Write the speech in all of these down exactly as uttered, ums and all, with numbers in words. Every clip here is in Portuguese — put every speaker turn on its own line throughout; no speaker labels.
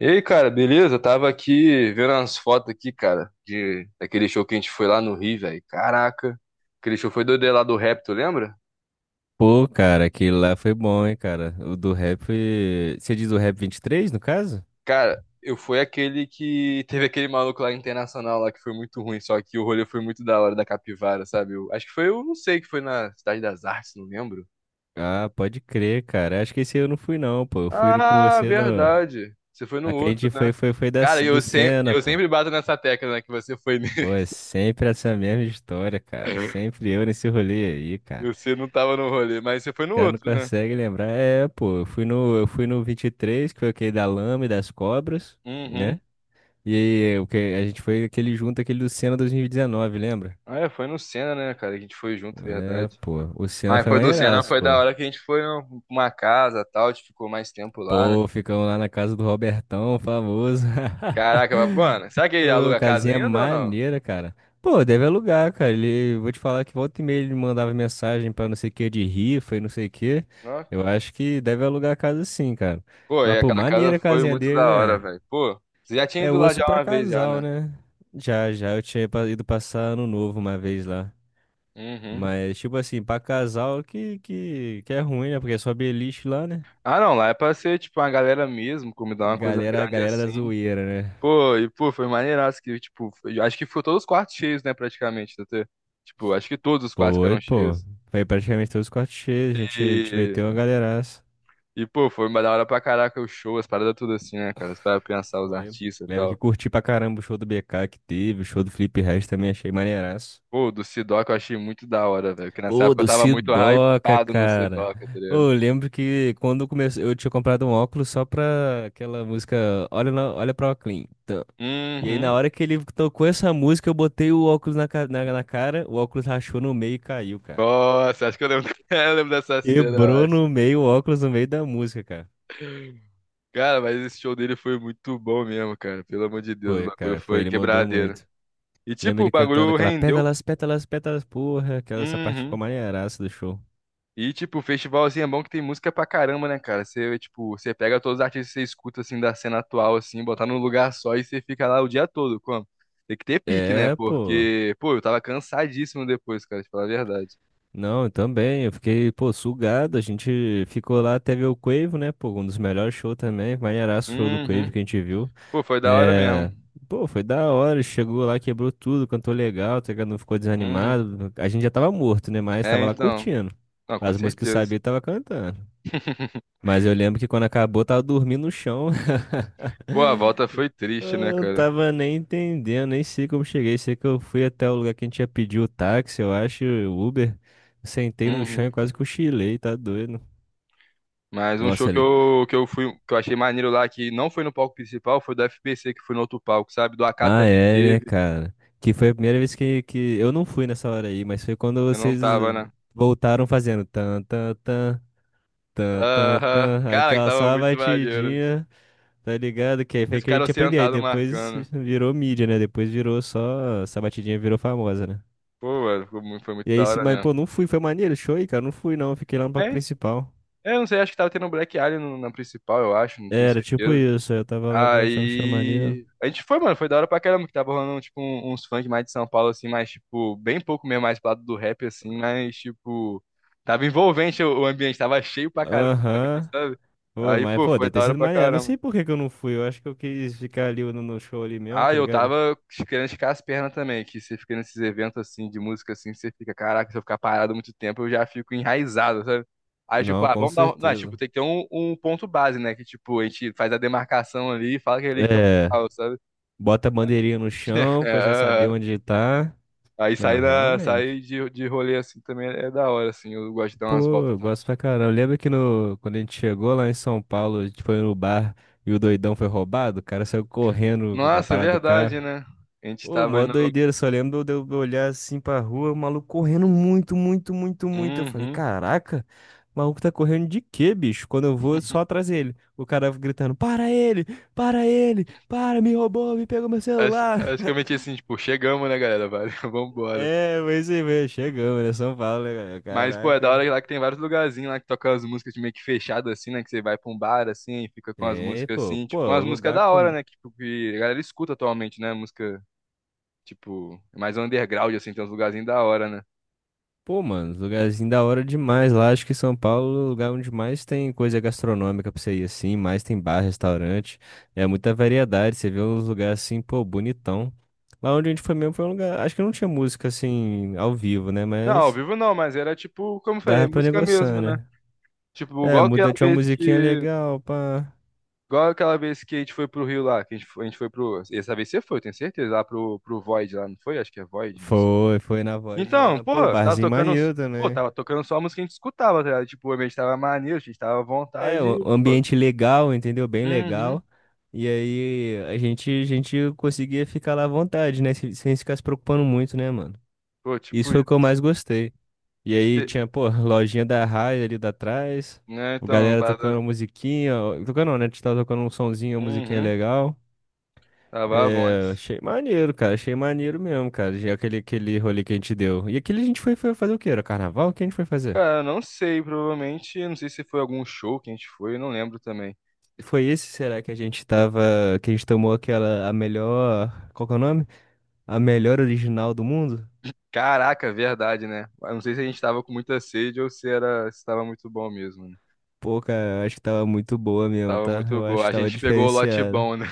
E aí, cara, beleza? Eu Tava aqui vendo umas fotos aqui, cara, de daquele show que a gente foi lá no Rio, velho. Caraca, aquele show foi do lá do rap, tu lembra?
Pô, cara, aquele lá foi bom, hein, cara. O do rap foi... Você diz o rap vinte e três no caso?
Cara, eu fui aquele que teve aquele maluco lá internacional lá que foi muito ruim, só que o rolê foi muito da hora da capivara, sabe? Eu, acho que foi, eu não sei, que foi na Cidade das Artes, não lembro.
Ah, pode crer, cara. Acho que esse eu não fui, não, pô. Eu fui no- com
Ah,
você no...
verdade. Você foi no
A que a
outro,
gente foi,
né?
foi, foi da,
Cara,
do
eu sempre,
Senna,
eu
pô.
sempre bato nessa tecla, né, que você foi nele.
Pô, é sempre essa mesma história, cara. Sempre eu nesse rolê aí, cara.
Você não tava no rolê, mas você foi
O
no
cara não
outro, né?
consegue lembrar. É, pô, eu fui no, eu fui no vinte e três que foi aquele da lama e das cobras, né?
Uhum.
E aí, o que a gente foi aquele junto, aquele do Senna dois mil e dezenove, lembra?
Ah, é, foi no Senna, né, cara? Que A gente foi junto, é
É,
verdade.
pô, o
Mas
Senna foi
Foi foi do sim, Senna,
maneiraço,
foi da
pô.
hora que a gente foi num- uma casa e tal, a gente ficou mais tempo lá, né?
Pô, ficamos lá na casa do Robertão, famoso.
Caraca, mas, mano, será que ele
Ô,
aluga a casa
casinha
ainda ou não?
maneira, cara. Pô, deve alugar, cara. Ele, vou te falar que volta e meia ele mandava mensagem pra não sei o que de rifa e não sei o que.
Ó.
Eu acho que deve alugar a casa sim, cara.
Pô,
Mas,
e
pô,
aquela casa
maneira a
foi
casinha
muito
dele,
da hora,
né?
velho. Pô, você já tinha
É
ido lá
osso
já
pra
uma vez já,
casal,
né?
né? Já, já eu tinha pa- ido passar ano novo uma vez lá.
Uhum.
Mas, tipo assim, pra casal que, que, que é ruim, né? Porque é só beliche lá, né?
Ah, não, lá é pra ser, tipo, uma galera mesmo, comida, uma coisa
Galera,
grande
galera da
assim.
zoeira, né?
Pô, e, pô, foi maneiraço que, tipo, foi- acho que ficou todos os quartos cheios, né, praticamente, Tetê? Tipo, acho que todos os quartos
Foi,
ficaram
pô.
cheios.
Foi praticamente todos os cortes cheios. A gente te meteu uma galeraça.
E, pô, foi uma da hora pra caraca o show, as paradas tudo assim, né, cara? Você vai pensar os
Foi.
artistas e
Lembro que
tal.
curti pra caramba o show do B K que teve. O show do Felipe Ret também achei maneiraço.
Pô, o do Sidoca eu achei muito da hora, velho. Porque nessa
Pô,
época eu
do
tava muito
Sidoca,
hypado no
cara.
Sidoca, tá ligado?
Ô, eu lembro que quando começou, eu tinha comprado um óculos só pra aquela música olha, na, olha pra Oclean. E aí, na
Uhum.
hora que ele tocou essa música, eu botei o óculos na, ca- na, na cara, o óculos rachou no meio e caiu, cara.
Nossa, acho que eu lembro, eu lembro dessa cena, eu
Quebrou
acho.
no meio o óculos no meio da música, cara.
Cara, mas esse show dele foi muito bom mesmo, cara. Pelo amor de Deus, o
Foi,
bagulho
cara, foi,
foi
ele mandou
quebradeiro.
muito.
E,
Lembro
tipo, o
ele cantando
bagulho
aquela
rendeu.
pétalas, pétalas, pétalas, porra, aquela essa parte ficou
Uhum.
maneiraça do show.
E, tipo, o festival, assim, é bom que tem música pra caramba, né, cara? Você, tipo, você pega todos os artistas que você escuta, assim, da cena atual, assim, botar num lugar só e você fica lá o dia todo, como? Tem que ter pique, né?
É, pô.
Porque, pô, eu tava cansadíssimo depois, cara, de falar a verdade.
Não, eu também, eu fiquei, pô, sugado. A gente ficou lá até ver o Quavo, né, pô, um dos melhores shows também. Maneiraço o show do Quavo
Uhum.
que a gente viu.
Pô, foi da hora
É.
mesmo.
Pô, foi da hora, chegou lá, quebrou tudo, cantou legal, tá ligado? Não ficou
Uhum.
desanimado. A gente já tava morto, né, mas
É,
tava lá
então.
curtindo.
Não, com
As músicas que eu sabia,
certeza.
eu tava cantando. Mas eu lembro que quando acabou, eu tava dormindo no chão.
Pô, a volta foi triste, né,
Eu
cara?
tava nem entendendo, nem sei como cheguei. Sei que eu fui até o lugar que a gente ia pedir o táxi, eu acho, o Uber. Sentei no chão
Uhum.
e quase cochilei, tá doido.
Mas um show
Nossa,
que
ele-
eu, que eu fui, que eu achei maneiro lá, que não foi no palco principal, foi do F P C, que foi no outro palco, sabe? Do A K
ah,
também
é, né,
teve.
cara? Que foi a primeira vez que, que eu não fui nessa hora aí, mas foi quando
Eu não
vocês
tava, né?
voltaram fazendo tan, tan, tan, tan, tan,
Aham.
tan,
Cara, que
aquela só
tava
a
muito maneiro.
batidinha, tá ligado? Que aí foi
Esse
que a
cara
gente aprendeu. Aí
sentado
depois
marcando.
virou mídia, né? Depois virou só, essa batidinha virou famosa, né?
Pô, mano, ficou muito- foi muito
E
da
aí, se,
hora
mas, pô,
mesmo.
não fui, foi maneiro, show aí, cara, não fui não, fiquei lá no palco
É,
principal.
eu não sei, acho que tava tendo um Black Alien no- na principal, eu acho, não tenho
Era tipo
certeza.
isso, aí eu tava lá vendo, tava achando maneiro.
Aí. A gente foi, mano, foi da hora pra caramba, que tava rolando, tipo, um- uns funk mais de São Paulo, assim, mais, tipo, bem pouco mesmo, mais pro lado do rap, assim, mas, tipo. Tava envolvente o o ambiente, tava cheio pra caramba também,
Aham.
sabe?
Foi,
Aí,
mas,
pô,
pô,
foi
deve
da
ter
hora
sido
pra
maneiro, não
caramba.
sei por que que eu não fui, eu acho que eu quis ficar ali no, no show ali mesmo,
Ah,
tá
eu
ligado?
tava querendo esticar as pernas também, que você fica nesses eventos assim de música assim, você fica, caraca, se eu ficar parado muito tempo, eu já fico enraizado, sabe? Aí, tipo,
Não,
ah,
com
vamos dar. Um- Não, é, tipo,
certeza.
tem que ter um, um ponto base, né? Que, tipo, a gente faz a demarcação ali e fala que é ali que é o
É,
local, sabe?
bota a bandeirinha no
É,
chão pra já saber
aham.
onde tá.
Aí
Não,
sair da, sair
realmente.
de, de rolê assim também é da hora, assim. Eu gosto de dar umas
Pô,
voltas
eu
também.
gosto pra caramba. Lembra que no, quando a gente chegou lá em São Paulo, a gente foi no bar e o doidão foi roubado? O cara saiu correndo com a
Nossa, é
parada do carro.
verdade, né? A gente
Ô,
tava
mó
indo.
doideira, só lembro de eu olhar assim pra rua, o maluco correndo muito, muito, muito, muito. Eu falei,
Uhum.
caraca, o maluco tá correndo de quê, bicho? Quando eu vou, só atrás dele. O cara gritando, para ele, para ele, para, me roubou, me pegou meu
Acho,
celular.
acho que eu meti assim, tipo, chegamos, né, galera? Valeu, vambora.
É, mas aí, chegamos, né? São Paulo, né, cara?
Mas, pô, é da
Caraca.
hora lá que tem vários lugarzinhos lá que tocam as músicas de meio que fechado, assim, né? Que você vai pra um bar, assim, e fica com as
É,
músicas,
pô,
assim.
pô,
Tipo,
o
umas músicas
lugar
da hora,
com...
né? Que, tipo, que a galera escuta atualmente, né? Música, tipo, mais underground, assim, tem uns lugarzinhos da hora, né?
Pô, mano, lugarzinho da hora demais lá. Acho que São Paulo é o lugar onde mais tem coisa gastronômica pra você ir assim, mais tem bar, restaurante. É muita variedade. Você vê uns lugares assim, pô, bonitão. Lá onde a gente foi mesmo foi um lugar. Acho que não tinha música assim, ao vivo, né?
Não, ao
Mas
vivo não, mas era, tipo, como eu falei, é
dava pra
música mesmo,
negociar,
né?
né?
Tipo,
É,
igual aquela
muda, tinha uma
vez
musiquinha
que...
legal, pá.
Igual aquela vez que a gente foi pro Rio lá, que a gente foi, a gente foi pro... Essa vez você foi, eu tenho certeza, lá pro, pro Void lá, não foi? Acho que é Void, não sei.
Foi, foi na Void
Então,
lá. Pô,
porra, tava
barzinho
tocando,
maneiro
pô,
também.
tava tocando só a música que a gente escutava, tá ligado? Tipo, a gente tava maneiro, a gente tava à
É,
vontade,
um
e,
um
pô,
ambiente legal, entendeu? Bem
uhum,
legal. E aí a gente, a gente conseguia ficar lá à vontade, né? Sem, sem ficar se preocupando muito, né, mano?
pô,
Isso
tipo
foi
isso.
o que eu mais gostei. E aí
Se-
tinha, pô, lojinha da Raia ali da trás,
né,
o
então,
galera
bada,
tocando musiquinha, ó, tocando não, né? A gente tava tocando um sonzinho, uma musiquinha
uhum,
legal.
tava à vontade.
É, achei maneiro, cara, achei maneiro mesmo, cara, já aquele, aquele rolê que a gente deu. E aquele a gente foi, foi fazer o quê? Era carnaval? O que a gente foi fazer?
Cara, não sei, provavelmente, não sei se foi algum show que a gente foi, eu não lembro também.
Foi esse, será que a gente tava, que a gente tomou aquela, a melhor, qual que é o nome? A melhor original do mundo?
Caraca, verdade, né? Eu Não sei se a gente tava com muita sede ou se era, se tava muito bom mesmo, né?
Pô, cara, eu acho que tava muito boa mesmo,
Tava
tá?
muito
Eu
bom.
acho que
A
tava
gente pegou o lote
diferenciada.
bom, né?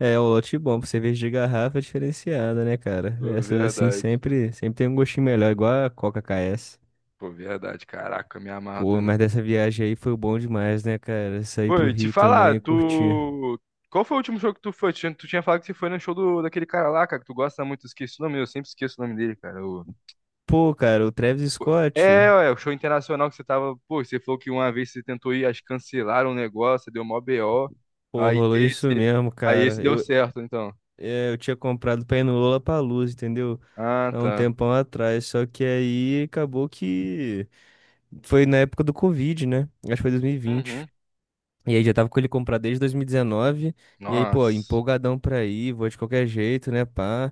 É, o lote bom, pra cerveja de garrafa é diferenciada, né, cara? Essas assim
Verdade.
sempre, sempre tem um gostinho melhor, igual a Coca K S.
Pô, verdade, caraca, eu me amarro.
Pô, mas dessa viagem aí foi bom demais, né, cara? Sair
Pô,
pro
e te
Rio também
falar,
e curtir.
tu. Qual foi o último show que tu foi? Tu tinha, tu tinha falado que você foi no show do, daquele cara lá, cara, que tu gosta muito, esqueci o nome, eu sempre esqueço o nome dele, cara. O...
Pô, cara, o Travis
pô.
Scott,
É, ué, o show internacional que você tava. Pô, você falou que uma vez você tentou ir, acho que cancelaram o negócio, deu mó B O.
pô,
Aí
rolou isso
esse.
mesmo,
Aí esse
cara.
deu
Eu,
certo, então.
é, eu tinha comprado pra ir no Lollapalooza, entendeu?
Ah,
Há um
tá.
tempão atrás. Só que aí acabou que foi na época do Covid, né? Acho que foi dois mil E vinte
Uhum.
e aí já tava com ele comprar desde dois mil e dezenove. E dezenove. E aí, pô,
Nossa.
empolgadão pra ir, vou de qualquer jeito, né, pá.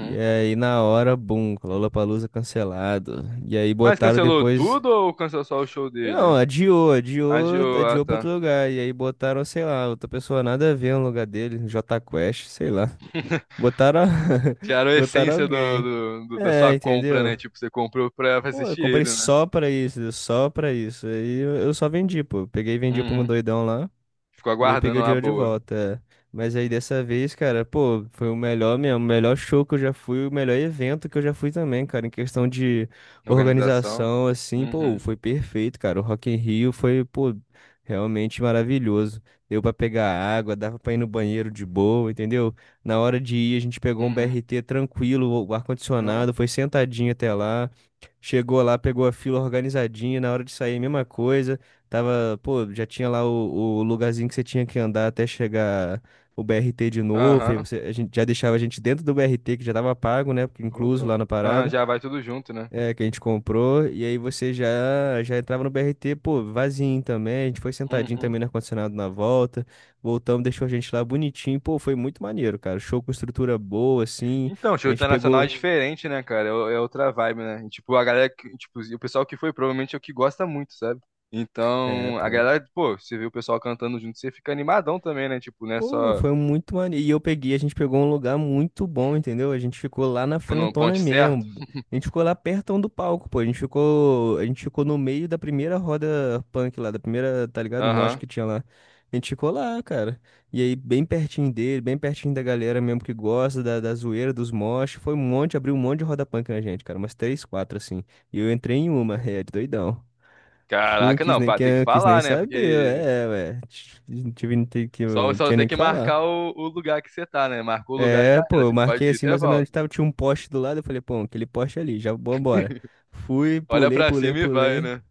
E aí na hora, bum, Lollapalooza cancelado. E aí
Mas
botaram
cancelou
depois.
tudo ou cancelou só o show dele?
Não, adiou, adiou,
Adiou, ah,
adiou pra outro
tá.
lugar. E aí botaram, sei lá, outra pessoa nada a ver no lugar dele, Jota Quest, sei lá. Botaram,
Tiraram a
botaram
essência do,
alguém.
do- do- da sua
É,
compra,
entendeu?
né? Tipo, você comprou pra
Pô, eu
assistir
comprei
ele, né?
só pra isso, só pra isso. Aí eu eu só vendi, pô. Eu peguei e vendi pra um
Uhum.
doidão lá.
Ficou
E aí
aguardando
peguei o
uma
dinheiro de
boa
volta. É. Mas aí dessa vez, cara, pô, foi o melhor mesmo, o melhor show que eu já fui, o melhor evento que eu já fui também, cara. Em questão de
organização.
organização, assim, pô,
Uhum.
foi perfeito, cara. O Rock in Rio foi, pô, realmente maravilhoso. Deu pra pegar água, dava pra ir no banheiro de boa, entendeu? Na hora de ir, a gente pegou um
Uhum.
B R T tranquilo, o
Ó.
ar-condicionado, foi sentadinho até lá. Chegou lá, pegou a fila organizadinha, na hora de sair, mesma coisa. Tava, pô, já tinha lá o, o lugarzinho que você tinha que andar até chegar o B R T de novo. Aí
Aham.
você, a gente já deixava a gente dentro do B R T, que já tava pago, né? Porque
Pô,
incluso
tô-
lá na
Aham,
parada,
já vai tudo junto, né?
é, que a gente comprou. E aí você já já entrava no B R T, pô, vazio também. A gente foi sentadinho
Uhum.
também no ar-condicionado na volta. Voltamos, deixou a gente lá bonitinho. Pô, foi muito maneiro, cara. Show com estrutura boa, assim.
Então,
A
show
gente
internacional é
pegou.
diferente, né, cara? É o- é outra vibe, né? E, tipo, a galera, que- tipo, e o pessoal que foi provavelmente é o que gosta muito, sabe?
É,
Então, a
pô.
galera, pô, você vê o pessoal cantando junto, você fica animadão também, né? Tipo, né,
Pô,
só
foi muito maneiro. E eu peguei, a gente pegou um lugar muito bom, entendeu? A gente ficou lá na
quando o
frentona
ponte é certo.
mesmo. A gente ficou lá perto do palco, pô. A gente ficou, a gente ficou no meio da primeira roda punk lá, da primeira, tá ligado? Mosh
Aham.
que tinha lá. A gente ficou lá, cara. E aí, bem pertinho dele, bem pertinho da galera mesmo que gosta da, da zoeira, dos mosh. Foi um monte, abriu um monte de roda punk na gente, cara. Umas três, quatro, assim. E eu entrei em uma, é, doidão. Fui,
Caraca,
quis
não,
nem,
pá, tem que
que- quis nem
falar, né?
saber,
Porque
é, ué. Tive, não tive-
só,
não
só
tinha
tem
nem o
que
que falar.
marcar o, o lugar que você tá, né? Marcou o lugar já
É, pô,
era. Você
eu
pode
marquei
ir,
assim
você
mais ou menos,
volta.
tava, tinha um poste do lado, eu falei, pô, aquele poste ali, já vambora. Fui,
Olha
pulei,
pra
pulei,
cima e vai,
pulei.
né?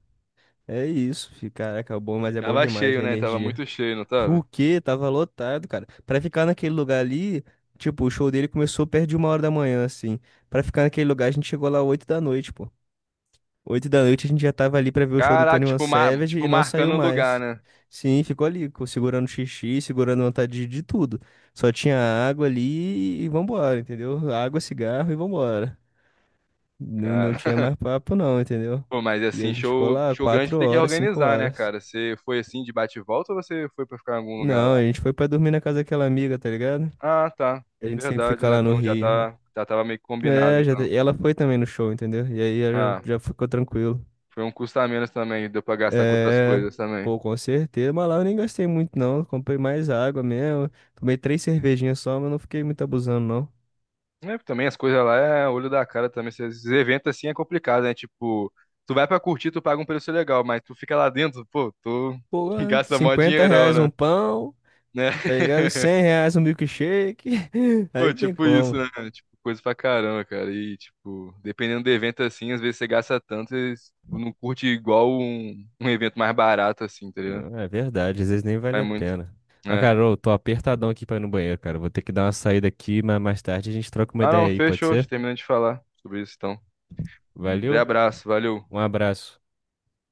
É isso, fi, caraca, é bom,
E
mas é bom
tava
demais
cheio,
a
né? Tava
energia.
muito cheio, não
O
tava?
quê? Tava lotado, cara. Pra ficar naquele lugar ali, tipo, o show dele começou perto de uma hora da manhã, assim. Pra ficar naquele lugar, a gente chegou lá oito da noite, pô. Oito da noite a gente já tava ali pra ver o show do
Caraca,
vinte e um
tipo, mar,
Savage
tipo
e não saiu
marcando o lugar,
mais.
né?
Sim, ficou ali, co- segurando xixi, segurando vontade de de tudo. Só tinha água ali e vambora, entendeu? Água, cigarro e vambora. Não, não
Cara,
tinha mais papo não, entendeu?
pô, mas
E aí
assim,
a gente ficou
show,
lá
show grande
quatro
tem que
horas, cinco
organizar, né,
horas.
cara? Você foi assim de bate e volta ou você foi pra ficar em algum lugar lá?
Não, a gente foi pra dormir na casa daquela amiga, tá ligado?
Ah, tá.
A gente sempre
Verdade,
fica
né?
lá no
Então já
Rio.
tá, já tava meio que combinado,
Né? É, já,
então.
te- ela foi também no show, entendeu? E aí eu
Ah,
já ficou tranquilo.
foi um custo a menos também, deu pra gastar com outras
É,
coisas também.
pô, com certeza. Mas lá eu nem gastei muito, não. Comprei mais água mesmo. Tomei três cervejinhas só, mas não fiquei muito abusando, não.
É, também as coisas lá é olho da cara também. Esses eventos assim é complicado, né? Tipo, tu vai pra curtir, tu paga um preço legal, mas tu fica lá dentro, pô, tu
Pô,
gasta mó
cinquenta
dinheirão,
reais um
né?
pão,
Né?
tá ligado? Cem reais um milkshake. Aí
Pô,
não tem
tipo isso,
como.
né? Tipo, coisa pra caramba, cara. E, tipo, dependendo do evento assim, às vezes você gasta tanto e tu não curte igual um, um evento mais barato, assim, tá ligado?
Não, é verdade, às vezes nem vale
É
a
muito,
pena. Mas,
né?
cara, eu tô apertadão aqui pra ir no banheiro, cara. Vou ter que dar uma saída aqui, mas mais tarde a gente troca uma
Ah, não,
ideia aí, pode
fechou.
ser?
Terminando de falar sobre isso, então. Grande
Valeu,
abraço, valeu.
um abraço.